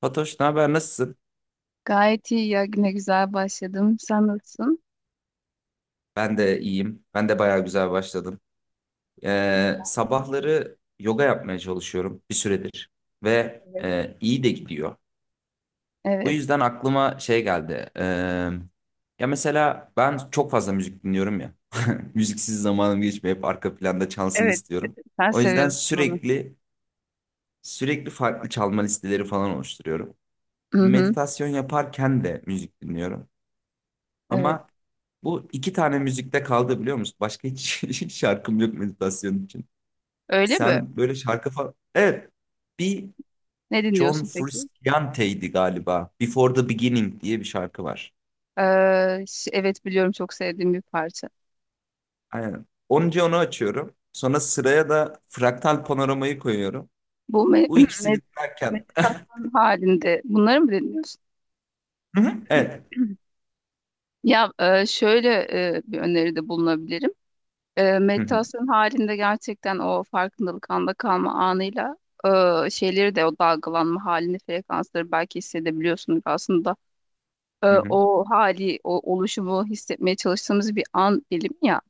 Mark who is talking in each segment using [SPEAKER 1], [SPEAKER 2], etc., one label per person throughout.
[SPEAKER 1] Fatoş, ne haber? Nasılsın?
[SPEAKER 2] Gayet iyi ya. Ne güzel başladım. Sen nasılsın?
[SPEAKER 1] Ben de iyiyim. Ben de bayağı güzel başladım. Sabahları yoga yapmaya çalışıyorum bir süredir ve
[SPEAKER 2] Evet.
[SPEAKER 1] iyi de gidiyor. Bu
[SPEAKER 2] Evet.
[SPEAKER 1] yüzden aklıma şey geldi. Ya mesela ben çok fazla müzik dinliyorum ya. Müziksiz zamanım geçmiyor. Hep arka planda çalsın
[SPEAKER 2] Evet.
[SPEAKER 1] istiyorum.
[SPEAKER 2] Sen
[SPEAKER 1] O yüzden
[SPEAKER 2] seviyorsun onu.
[SPEAKER 1] sürekli farklı çalma listeleri falan oluşturuyorum.
[SPEAKER 2] Hı hı.
[SPEAKER 1] Meditasyon yaparken de müzik dinliyorum.
[SPEAKER 2] Evet.
[SPEAKER 1] Ama bu iki tane müzikte kaldı, biliyor musun? Başka hiç şarkım yok meditasyon için.
[SPEAKER 2] Öyle mi?
[SPEAKER 1] Sen böyle şarkı falan. Evet. Bir.
[SPEAKER 2] Ne
[SPEAKER 1] John
[SPEAKER 2] dinliyorsun peki?
[SPEAKER 1] Frusciante'ydi galiba. Before the Beginning diye bir şarkı var.
[SPEAKER 2] Evet, biliyorum çok sevdiğim bir parça.
[SPEAKER 1] Aynen. Onca onu açıyorum. Sonra sıraya da Fraktal Panoramayı koyuyorum.
[SPEAKER 2] Bu me
[SPEAKER 1] Bu ikisini
[SPEAKER 2] me-
[SPEAKER 1] dinlerken.
[SPEAKER 2] meditasyon halinde bunları mı dinliyorsun?
[SPEAKER 1] Hı hı, evet.
[SPEAKER 2] Ya şöyle bir öneride bulunabilirim.
[SPEAKER 1] Hı hı,
[SPEAKER 2] Meditasyon halinde gerçekten o farkındalık anda kalma anıyla şeyleri de o dalgalanma halini frekansları belki hissedebiliyorsunuz. Aslında
[SPEAKER 1] hı hı.
[SPEAKER 2] o hali, o oluşumu hissetmeye çalıştığımız bir an dilimi ya.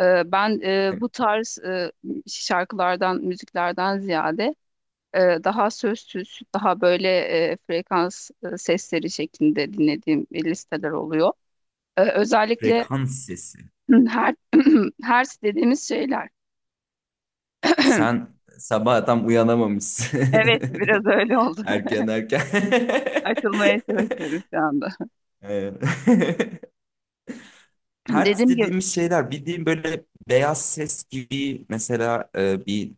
[SPEAKER 2] Ben
[SPEAKER 1] Evet.
[SPEAKER 2] bu tarz şarkılardan, müziklerden ziyade e, daha sözsüz, daha böyle frekans sesleri şeklinde dinlediğim listeler oluyor. Özellikle
[SPEAKER 1] Frekans sesi.
[SPEAKER 2] her hertz dediğimiz şeyler.
[SPEAKER 1] Sen sabah tam uyanamamışsın.
[SPEAKER 2] Evet, biraz öyle oldu.
[SPEAKER 1] Erken erken.
[SPEAKER 2] Açılmaya çalışıyorum şu anda.
[SPEAKER 1] Ee, hertz
[SPEAKER 2] Dediğim gibi,
[SPEAKER 1] dediğimiz şeyler bildiğin böyle beyaz ses gibi, mesela bir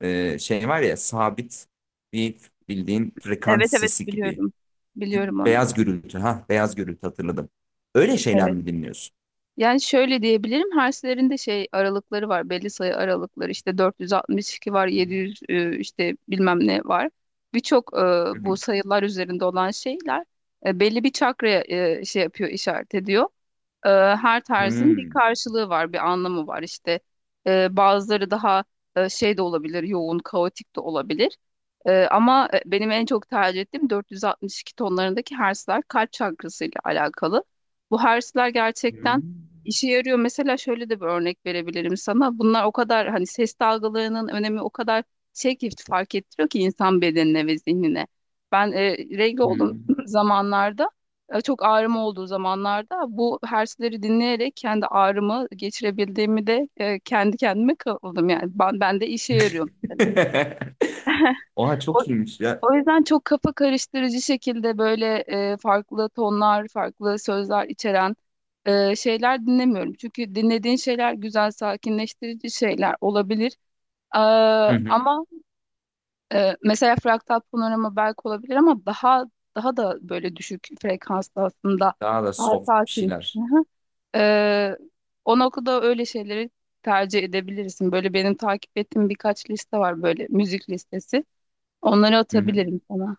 [SPEAKER 1] şey var ya, sabit bir bildiğin
[SPEAKER 2] evet
[SPEAKER 1] frekans
[SPEAKER 2] evet
[SPEAKER 1] sesi gibi.
[SPEAKER 2] biliyorum. Biliyorum onu.
[SPEAKER 1] Beyaz gürültü, ha, beyaz gürültü hatırladım. Öyle şeyler
[SPEAKER 2] Evet.
[SPEAKER 1] mi dinliyorsun?
[SPEAKER 2] Yani şöyle diyebilirim. Herslerin de şey aralıkları var. Belli sayı aralıkları. İşte 462 var, 700 işte bilmem ne var. Birçok
[SPEAKER 1] Hı
[SPEAKER 2] bu
[SPEAKER 1] hı.
[SPEAKER 2] sayılar üzerinde olan şeyler belli bir çakraya şey yapıyor, işaret ediyor. Her tarzın bir
[SPEAKER 1] Hmm.
[SPEAKER 2] karşılığı var, bir anlamı var. İşte bazıları daha şey de olabilir, yoğun, kaotik de olabilir. Ama benim en çok tercih ettiğim 462 tonlarındaki hertzler kalp çakrasıyla alakalı. Bu hertzler gerçekten
[SPEAKER 1] Hmm.
[SPEAKER 2] işe yarıyor. Mesela şöyle de bir örnek verebilirim sana. Bunlar o kadar hani ses dalgalarının önemi o kadar şey ki fark ettiriyor ki insan bedenine ve zihnine. Ben regl olduğum
[SPEAKER 1] Hmm.
[SPEAKER 2] zamanlarda çok ağrım olduğu zamanlarda bu hersleri dinleyerek kendi ağrımı geçirebildiğimi de kendi kendime kıldım yani ben de işe yarıyor mesela.
[SPEAKER 1] Oha,
[SPEAKER 2] O,
[SPEAKER 1] çok iyiymiş ya.
[SPEAKER 2] o yüzden çok kafa karıştırıcı şekilde böyle farklı tonlar, farklı sözler içeren şeyler dinlemiyorum. Çünkü dinlediğin şeyler güzel, sakinleştirici şeyler olabilir. Ee,
[SPEAKER 1] Hı hı.
[SPEAKER 2] ama mesela fraktal panorama belki olabilir ama daha da böyle düşük frekanslı aslında
[SPEAKER 1] Daha da
[SPEAKER 2] daha
[SPEAKER 1] soft bir
[SPEAKER 2] sakin.
[SPEAKER 1] şeyler.
[SPEAKER 2] Ee, o noktada öyle şeyleri tercih edebilirsin. Böyle benim takip ettiğim birkaç liste var böyle müzik listesi. Onları atabilirim sana.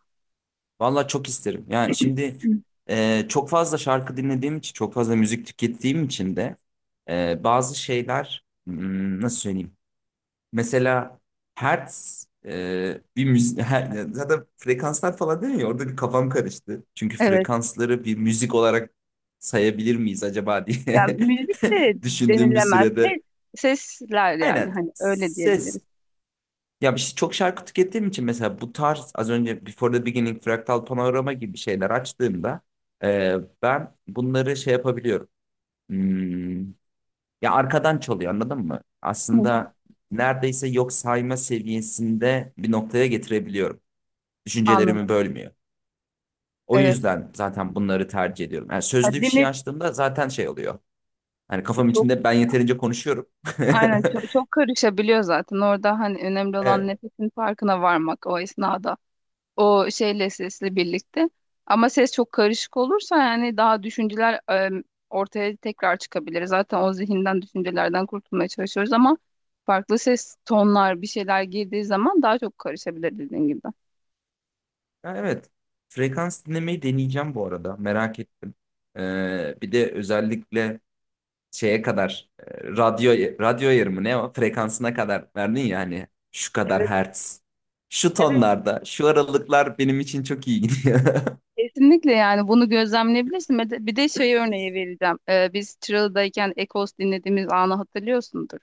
[SPEAKER 1] Valla çok isterim. Yani şimdi çok fazla şarkı dinlediğim için, çok fazla müzik tükettiğim için de bazı şeyler nasıl söyleyeyim? Mesela hertz bir müzik, zaten frekanslar falan değil mi? Orada bir kafam karıştı. Çünkü
[SPEAKER 2] Evet.
[SPEAKER 1] frekansları bir müzik olarak sayabilir miyiz acaba
[SPEAKER 2] Yani
[SPEAKER 1] diye
[SPEAKER 2] müzik de
[SPEAKER 1] düşündüğüm bir
[SPEAKER 2] denilemez.
[SPEAKER 1] sürede.
[SPEAKER 2] Sesler yani
[SPEAKER 1] Aynen,
[SPEAKER 2] hani öyle diyebiliriz.
[SPEAKER 1] ses, ya işte çok şarkı tükettiğim için mesela bu tarz, az önce Before the Beginning, Fraktal Panorama gibi şeyler açtığımda e, ben bunları şey yapabiliyorum. Hmm, ya arkadan çalıyor, anladın mı?
[SPEAKER 2] Hı hı.
[SPEAKER 1] Aslında neredeyse yok sayma seviyesinde bir noktaya getirebiliyorum.
[SPEAKER 2] Anladım.
[SPEAKER 1] Düşüncelerimi bölmüyor. O
[SPEAKER 2] Evet.
[SPEAKER 1] yüzden zaten bunları tercih ediyorum. Yani
[SPEAKER 2] Ya
[SPEAKER 1] sözlü bir şey
[SPEAKER 2] dinle
[SPEAKER 1] açtığımda zaten şey oluyor. Hani kafam
[SPEAKER 2] çok
[SPEAKER 1] içinde ben yeterince konuşuyorum.
[SPEAKER 2] aynen çok, çok karışabiliyor zaten. Orada hani önemli olan
[SPEAKER 1] Evet.
[SPEAKER 2] nefesin farkına varmak o esnada, şeyle sesle birlikte. Ama ses çok karışık olursa yani daha düşünceler ortaya tekrar çıkabilir. Zaten o zihinden düşüncelerden kurtulmaya çalışıyoruz ama farklı ses tonlar bir şeyler girdiği zaman daha çok karışabilir dediğin gibi.
[SPEAKER 1] Ya evet. Frekans dinlemeyi deneyeceğim bu arada. Merak ettim. Bir de özellikle şeye kadar radyo ayarımı, ne o, frekansına kadar verdin ya, hani şu kadar hertz. Şu
[SPEAKER 2] Evet,
[SPEAKER 1] tonlarda, şu aralıklar benim için çok iyi gidiyor.
[SPEAKER 2] kesinlikle yani bunu gözlemleyebilirsin. Bir de şey örneği vereceğim. Biz Çıralı'dayken Ekos dinlediğimiz anı hatırlıyorsundur.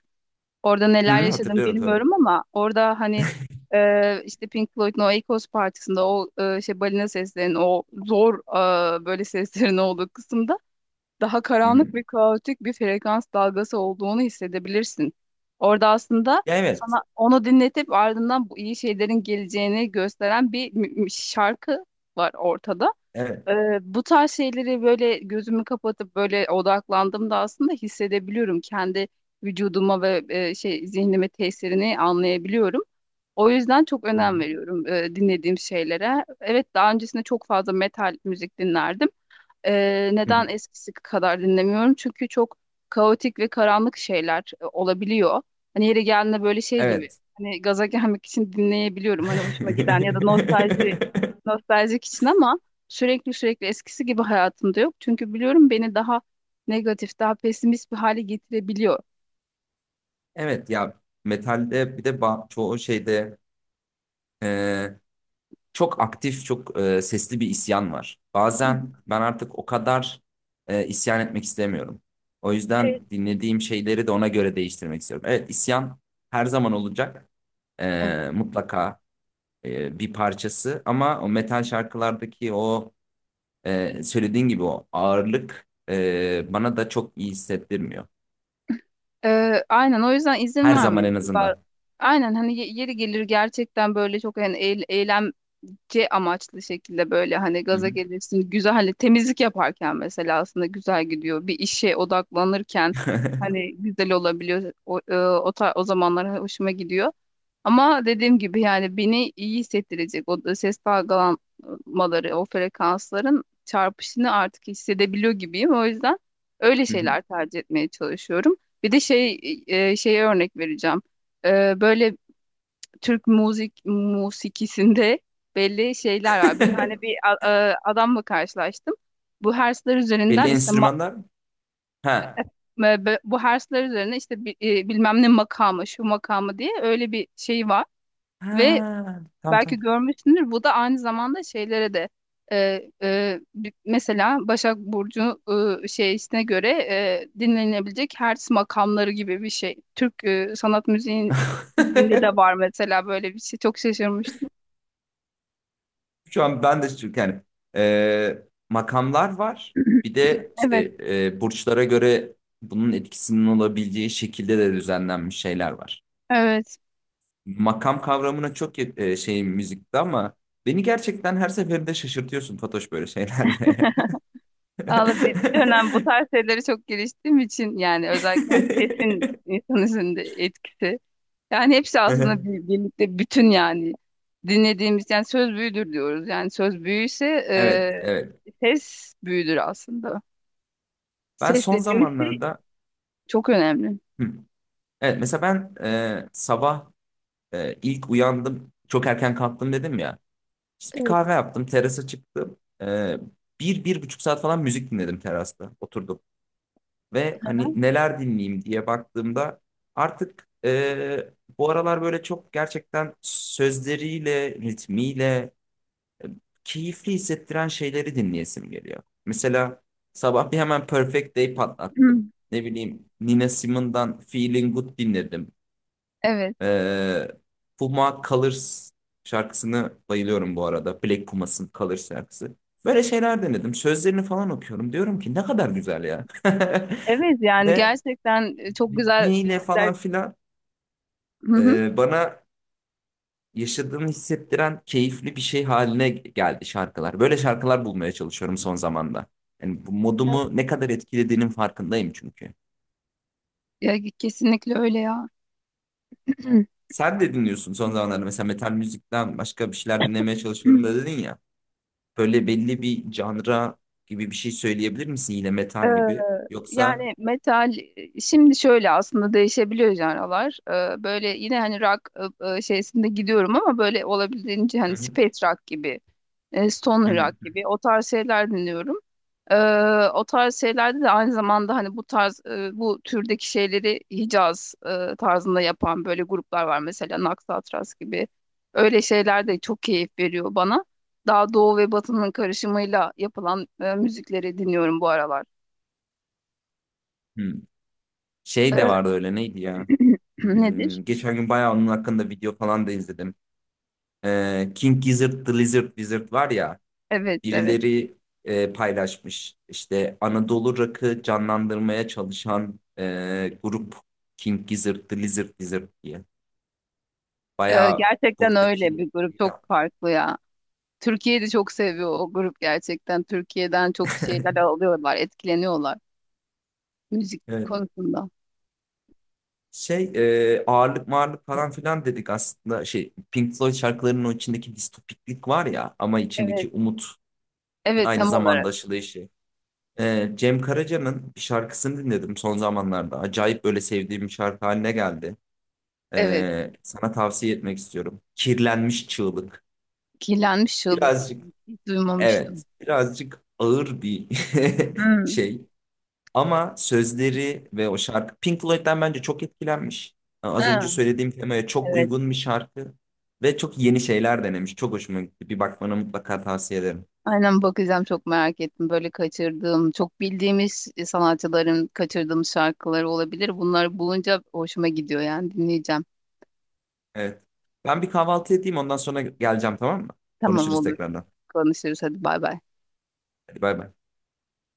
[SPEAKER 2] Orada neler
[SPEAKER 1] Hı,
[SPEAKER 2] yaşadım
[SPEAKER 1] hatırlıyorum tabii.
[SPEAKER 2] bilmiyorum ama orada hani işte Pink Floyd'un o Echoes partisinde o şey balina seslerinin o zor böyle seslerin olduğu kısımda daha
[SPEAKER 1] Hı hı.
[SPEAKER 2] karanlık ve kaotik bir frekans dalgası olduğunu hissedebilirsin. Orada aslında
[SPEAKER 1] Ya evet.
[SPEAKER 2] sana onu dinletip ardından bu iyi şeylerin geleceğini gösteren bir şarkı var ortada. Ee,
[SPEAKER 1] Evet.
[SPEAKER 2] bu tarz şeyleri böyle gözümü kapatıp böyle odaklandığımda aslında hissedebiliyorum. Kendi vücuduma ve şey zihnime tesirini anlayabiliyorum. O yüzden çok
[SPEAKER 1] Hı hı.
[SPEAKER 2] önem veriyorum dinlediğim şeylere. Evet, daha öncesinde çok fazla metal müzik dinlerdim. Ee,
[SPEAKER 1] Hı hı.
[SPEAKER 2] neden eskisi kadar dinlemiyorum? Çünkü çok kaotik ve karanlık şeyler olabiliyor. Hani yeri geldiğinde böyle şey gibi.
[SPEAKER 1] Evet.
[SPEAKER 2] Hani gaza gelmek için dinleyebiliyorum. Hani hoşuma giden ya da nostaljik için ama sürekli sürekli eskisi gibi hayatımda yok. Çünkü biliyorum beni daha negatif, daha pesimist bir hale getirebiliyor.
[SPEAKER 1] Evet, ya metalde bir de çoğu şeyde e, çok aktif, çok sesli bir isyan var.
[SPEAKER 2] Hı hı.
[SPEAKER 1] Bazen ben artık o kadar isyan etmek istemiyorum. O
[SPEAKER 2] Evet.
[SPEAKER 1] yüzden dinlediğim şeyleri de ona göre değiştirmek istiyorum. Evet, isyan her zaman olacak.
[SPEAKER 2] Evet.
[SPEAKER 1] Mutlaka bir parçası, ama o metal şarkılardaki o söylediğin gibi o ağırlık bana da çok iyi hissettirmiyor.
[SPEAKER 2] Aynen o yüzden izin
[SPEAKER 1] Her zaman en
[SPEAKER 2] vermelisin.
[SPEAKER 1] azından.
[SPEAKER 2] Aynen hani yeri gelir gerçekten böyle çok yani eylem eğlence amaçlı şekilde böyle hani
[SPEAKER 1] Hı
[SPEAKER 2] gaza
[SPEAKER 1] hı.
[SPEAKER 2] gelirsin. Güzel, hani temizlik yaparken mesela aslında güzel gidiyor. Bir işe odaklanırken hani güzel olabiliyor. O, e, o, ta- o zamanlar hoşuma gidiyor. Ama dediğim gibi yani beni iyi hissettirecek o da ses dalgalanmaları, o frekansların çarpışını artık hissedebiliyor gibiyim. O yüzden öyle
[SPEAKER 1] Hı hı.
[SPEAKER 2] şeyler tercih etmeye çalışıyorum. Bir de şey, şeye örnek vereceğim. Böyle Türk musikisinde belli şeyler var. Bir tane adamla karşılaştım. Bu hersler
[SPEAKER 1] Belli
[SPEAKER 2] üzerinden işte
[SPEAKER 1] enstrümanlar mı? Ha.
[SPEAKER 2] bu hersler üzerine işte bilmem ne makamı, şu makamı diye öyle bir şey var
[SPEAKER 1] Ha,
[SPEAKER 2] ve
[SPEAKER 1] tamam tamam.
[SPEAKER 2] belki görmüşsündür. Bu da aynı zamanda şeylere de mesela Başak Burcu şeysine göre dinlenebilecek hertz makamları gibi bir şey. Türk sanat müziğinde de var mesela böyle bir şey. Çok şaşırmıştım.
[SPEAKER 1] Şu an ben de, çünkü yani e, makamlar var. Bir de işte
[SPEAKER 2] Evet.
[SPEAKER 1] burçlara göre bunun etkisinin olabileceği şekilde de düzenlenmiş şeyler var.
[SPEAKER 2] Evet.
[SPEAKER 1] Makam kavramına çok şey müzikte, ama beni gerçekten her seferinde şaşırtıyorsun Fatoş, böyle şeylerle.
[SPEAKER 2] Valla bir dönem bu tarz şeylere çok giriştiğim için yani özellikle hani sesin insan üzerinde etkisi. Yani hepsi aslında birlikte bütün yani dinlediğimiz yani söz büyüdür diyoruz. Yani söz büyüyse
[SPEAKER 1] Evet, evet.
[SPEAKER 2] ses büyüdür aslında.
[SPEAKER 1] Ben
[SPEAKER 2] Ses
[SPEAKER 1] son
[SPEAKER 2] dediğimiz şey
[SPEAKER 1] zamanlarda.
[SPEAKER 2] çok önemli.
[SPEAKER 1] Hı. Evet, mesela ben sabah ilk uyandım, çok erken kalktım dedim ya. Biz bir
[SPEAKER 2] Evet.
[SPEAKER 1] kahve yaptım, terasa çıktım. Ee, bir, 1,5 saat falan müzik dinledim terasta, oturdum. Ve hani neler dinleyeyim diye baktığımda artık bu aralar böyle çok gerçekten sözleriyle, ritmiyle keyifli hissettiren şeyleri dinleyesim geliyor. Mesela sabah bir hemen Perfect Day
[SPEAKER 2] Hı.
[SPEAKER 1] patlattım. Ne bileyim, Nina Simone'dan Feeling Good dinledim.
[SPEAKER 2] Evet.
[SPEAKER 1] Ee, Puma Colors şarkısını bayılıyorum bu arada. Black Pumas'ın Colors şarkısı. Böyle şeyler denedim. Sözlerini falan okuyorum. Diyorum ki, ne kadar güzel ya.
[SPEAKER 2] Evet, yani
[SPEAKER 1] Ve
[SPEAKER 2] gerçekten çok güzel.
[SPEAKER 1] ritmiyle falan filan
[SPEAKER 2] Hı hı.
[SPEAKER 1] bana yaşadığımı hissettiren keyifli bir şey haline geldi şarkılar. Böyle şarkılar bulmaya çalışıyorum son zamanda. Yani bu
[SPEAKER 2] Evet.
[SPEAKER 1] modumu ne kadar etkilediğinin farkındayım çünkü.
[SPEAKER 2] Ya, kesinlikle öyle ya.
[SPEAKER 1] Sen de dinliyorsun son zamanlarda, mesela metal müzikten başka bir şeyler dinlemeye çalışıyorum da dedin ya. Böyle belli bir janra gibi bir şey söyleyebilir misin, yine
[SPEAKER 2] Ee,
[SPEAKER 1] metal gibi? Yoksa?
[SPEAKER 2] Yani metal, şimdi şöyle aslında değişebiliyor janralar. Böyle yine hani rock şeysinde gidiyorum ama böyle olabildiğince
[SPEAKER 1] Hı
[SPEAKER 2] hani
[SPEAKER 1] hı,
[SPEAKER 2] space rock gibi,
[SPEAKER 1] hı
[SPEAKER 2] stoner
[SPEAKER 1] hı,
[SPEAKER 2] rock gibi o tarz şeyler dinliyorum. Ee, o tarz şeylerde de aynı zamanda hani bu tarz bu türdeki şeyleri Hicaz tarzında yapan böyle gruplar var mesela Nax Atras gibi. Öyle şeyler de çok keyif veriyor bana. Daha doğu ve batının karışımıyla yapılan müzikleri dinliyorum bu aralar.
[SPEAKER 1] hı. Şey de
[SPEAKER 2] Ee,
[SPEAKER 1] vardı, öyle neydi ya?
[SPEAKER 2] Nedir?
[SPEAKER 1] Geçen gün bayağı onun hakkında video falan da izledim. King Gizzard The Lizard Wizard var ya,
[SPEAKER 2] Evet evet.
[SPEAKER 1] birileri paylaşmış. İşte Anadolu Rock'ı canlandırmaya çalışan grup, King Gizzard The Lizard Wizard diye.
[SPEAKER 2] Ee,
[SPEAKER 1] Bayağı
[SPEAKER 2] gerçekten öyle
[SPEAKER 1] buradaki.
[SPEAKER 2] bir grup, çok farklı ya. Türkiye'yi de çok seviyor o grup gerçekten. Türkiye'den çok şeyler alıyorlar, etkileniyorlar müzik
[SPEAKER 1] Evet.
[SPEAKER 2] konusunda.
[SPEAKER 1] Şey, ağırlık mağırlık falan filan dedik, aslında şey Pink Floyd şarkılarının o içindeki distopiklik var ya, ama içindeki
[SPEAKER 2] Evet.
[SPEAKER 1] umut
[SPEAKER 2] Evet,
[SPEAKER 1] aynı
[SPEAKER 2] tam
[SPEAKER 1] zamanda
[SPEAKER 2] olarak.
[SPEAKER 1] aşılayışı. Cem Karaca'nın bir şarkısını dinledim son zamanlarda. Acayip böyle sevdiğim bir şarkı haline geldi.
[SPEAKER 2] Evet.
[SPEAKER 1] Sana tavsiye etmek istiyorum. Kirlenmiş Çığlık.
[SPEAKER 2] Kirlenmiş Şıldız.
[SPEAKER 1] Birazcık,
[SPEAKER 2] Hiç
[SPEAKER 1] evet,
[SPEAKER 2] duymamıştım.
[SPEAKER 1] birazcık ağır bir
[SPEAKER 2] Hmm.
[SPEAKER 1] şey. Ama sözleri ve o şarkı Pink Floyd'den bence çok etkilenmiş. Az önce
[SPEAKER 2] Ha,
[SPEAKER 1] söylediğim temaya çok
[SPEAKER 2] evet.
[SPEAKER 1] uygun bir şarkı ve çok yeni şeyler denemiş. Çok hoşuma gitti. Bir bakmanı mutlaka tavsiye ederim.
[SPEAKER 2] Aynen, bakacağım, çok merak ettim. Böyle kaçırdığım, çok bildiğimiz sanatçıların kaçırdığım şarkıları olabilir. Bunları bulunca hoşuma gidiyor, yani dinleyeceğim.
[SPEAKER 1] Evet. Ben bir kahvaltı edeyim, ondan sonra geleceğim, tamam mı?
[SPEAKER 2] Tamam,
[SPEAKER 1] Konuşuruz
[SPEAKER 2] olur.
[SPEAKER 1] tekrardan.
[SPEAKER 2] Konuşuruz, hadi bay bay.
[SPEAKER 1] Hadi bay bay.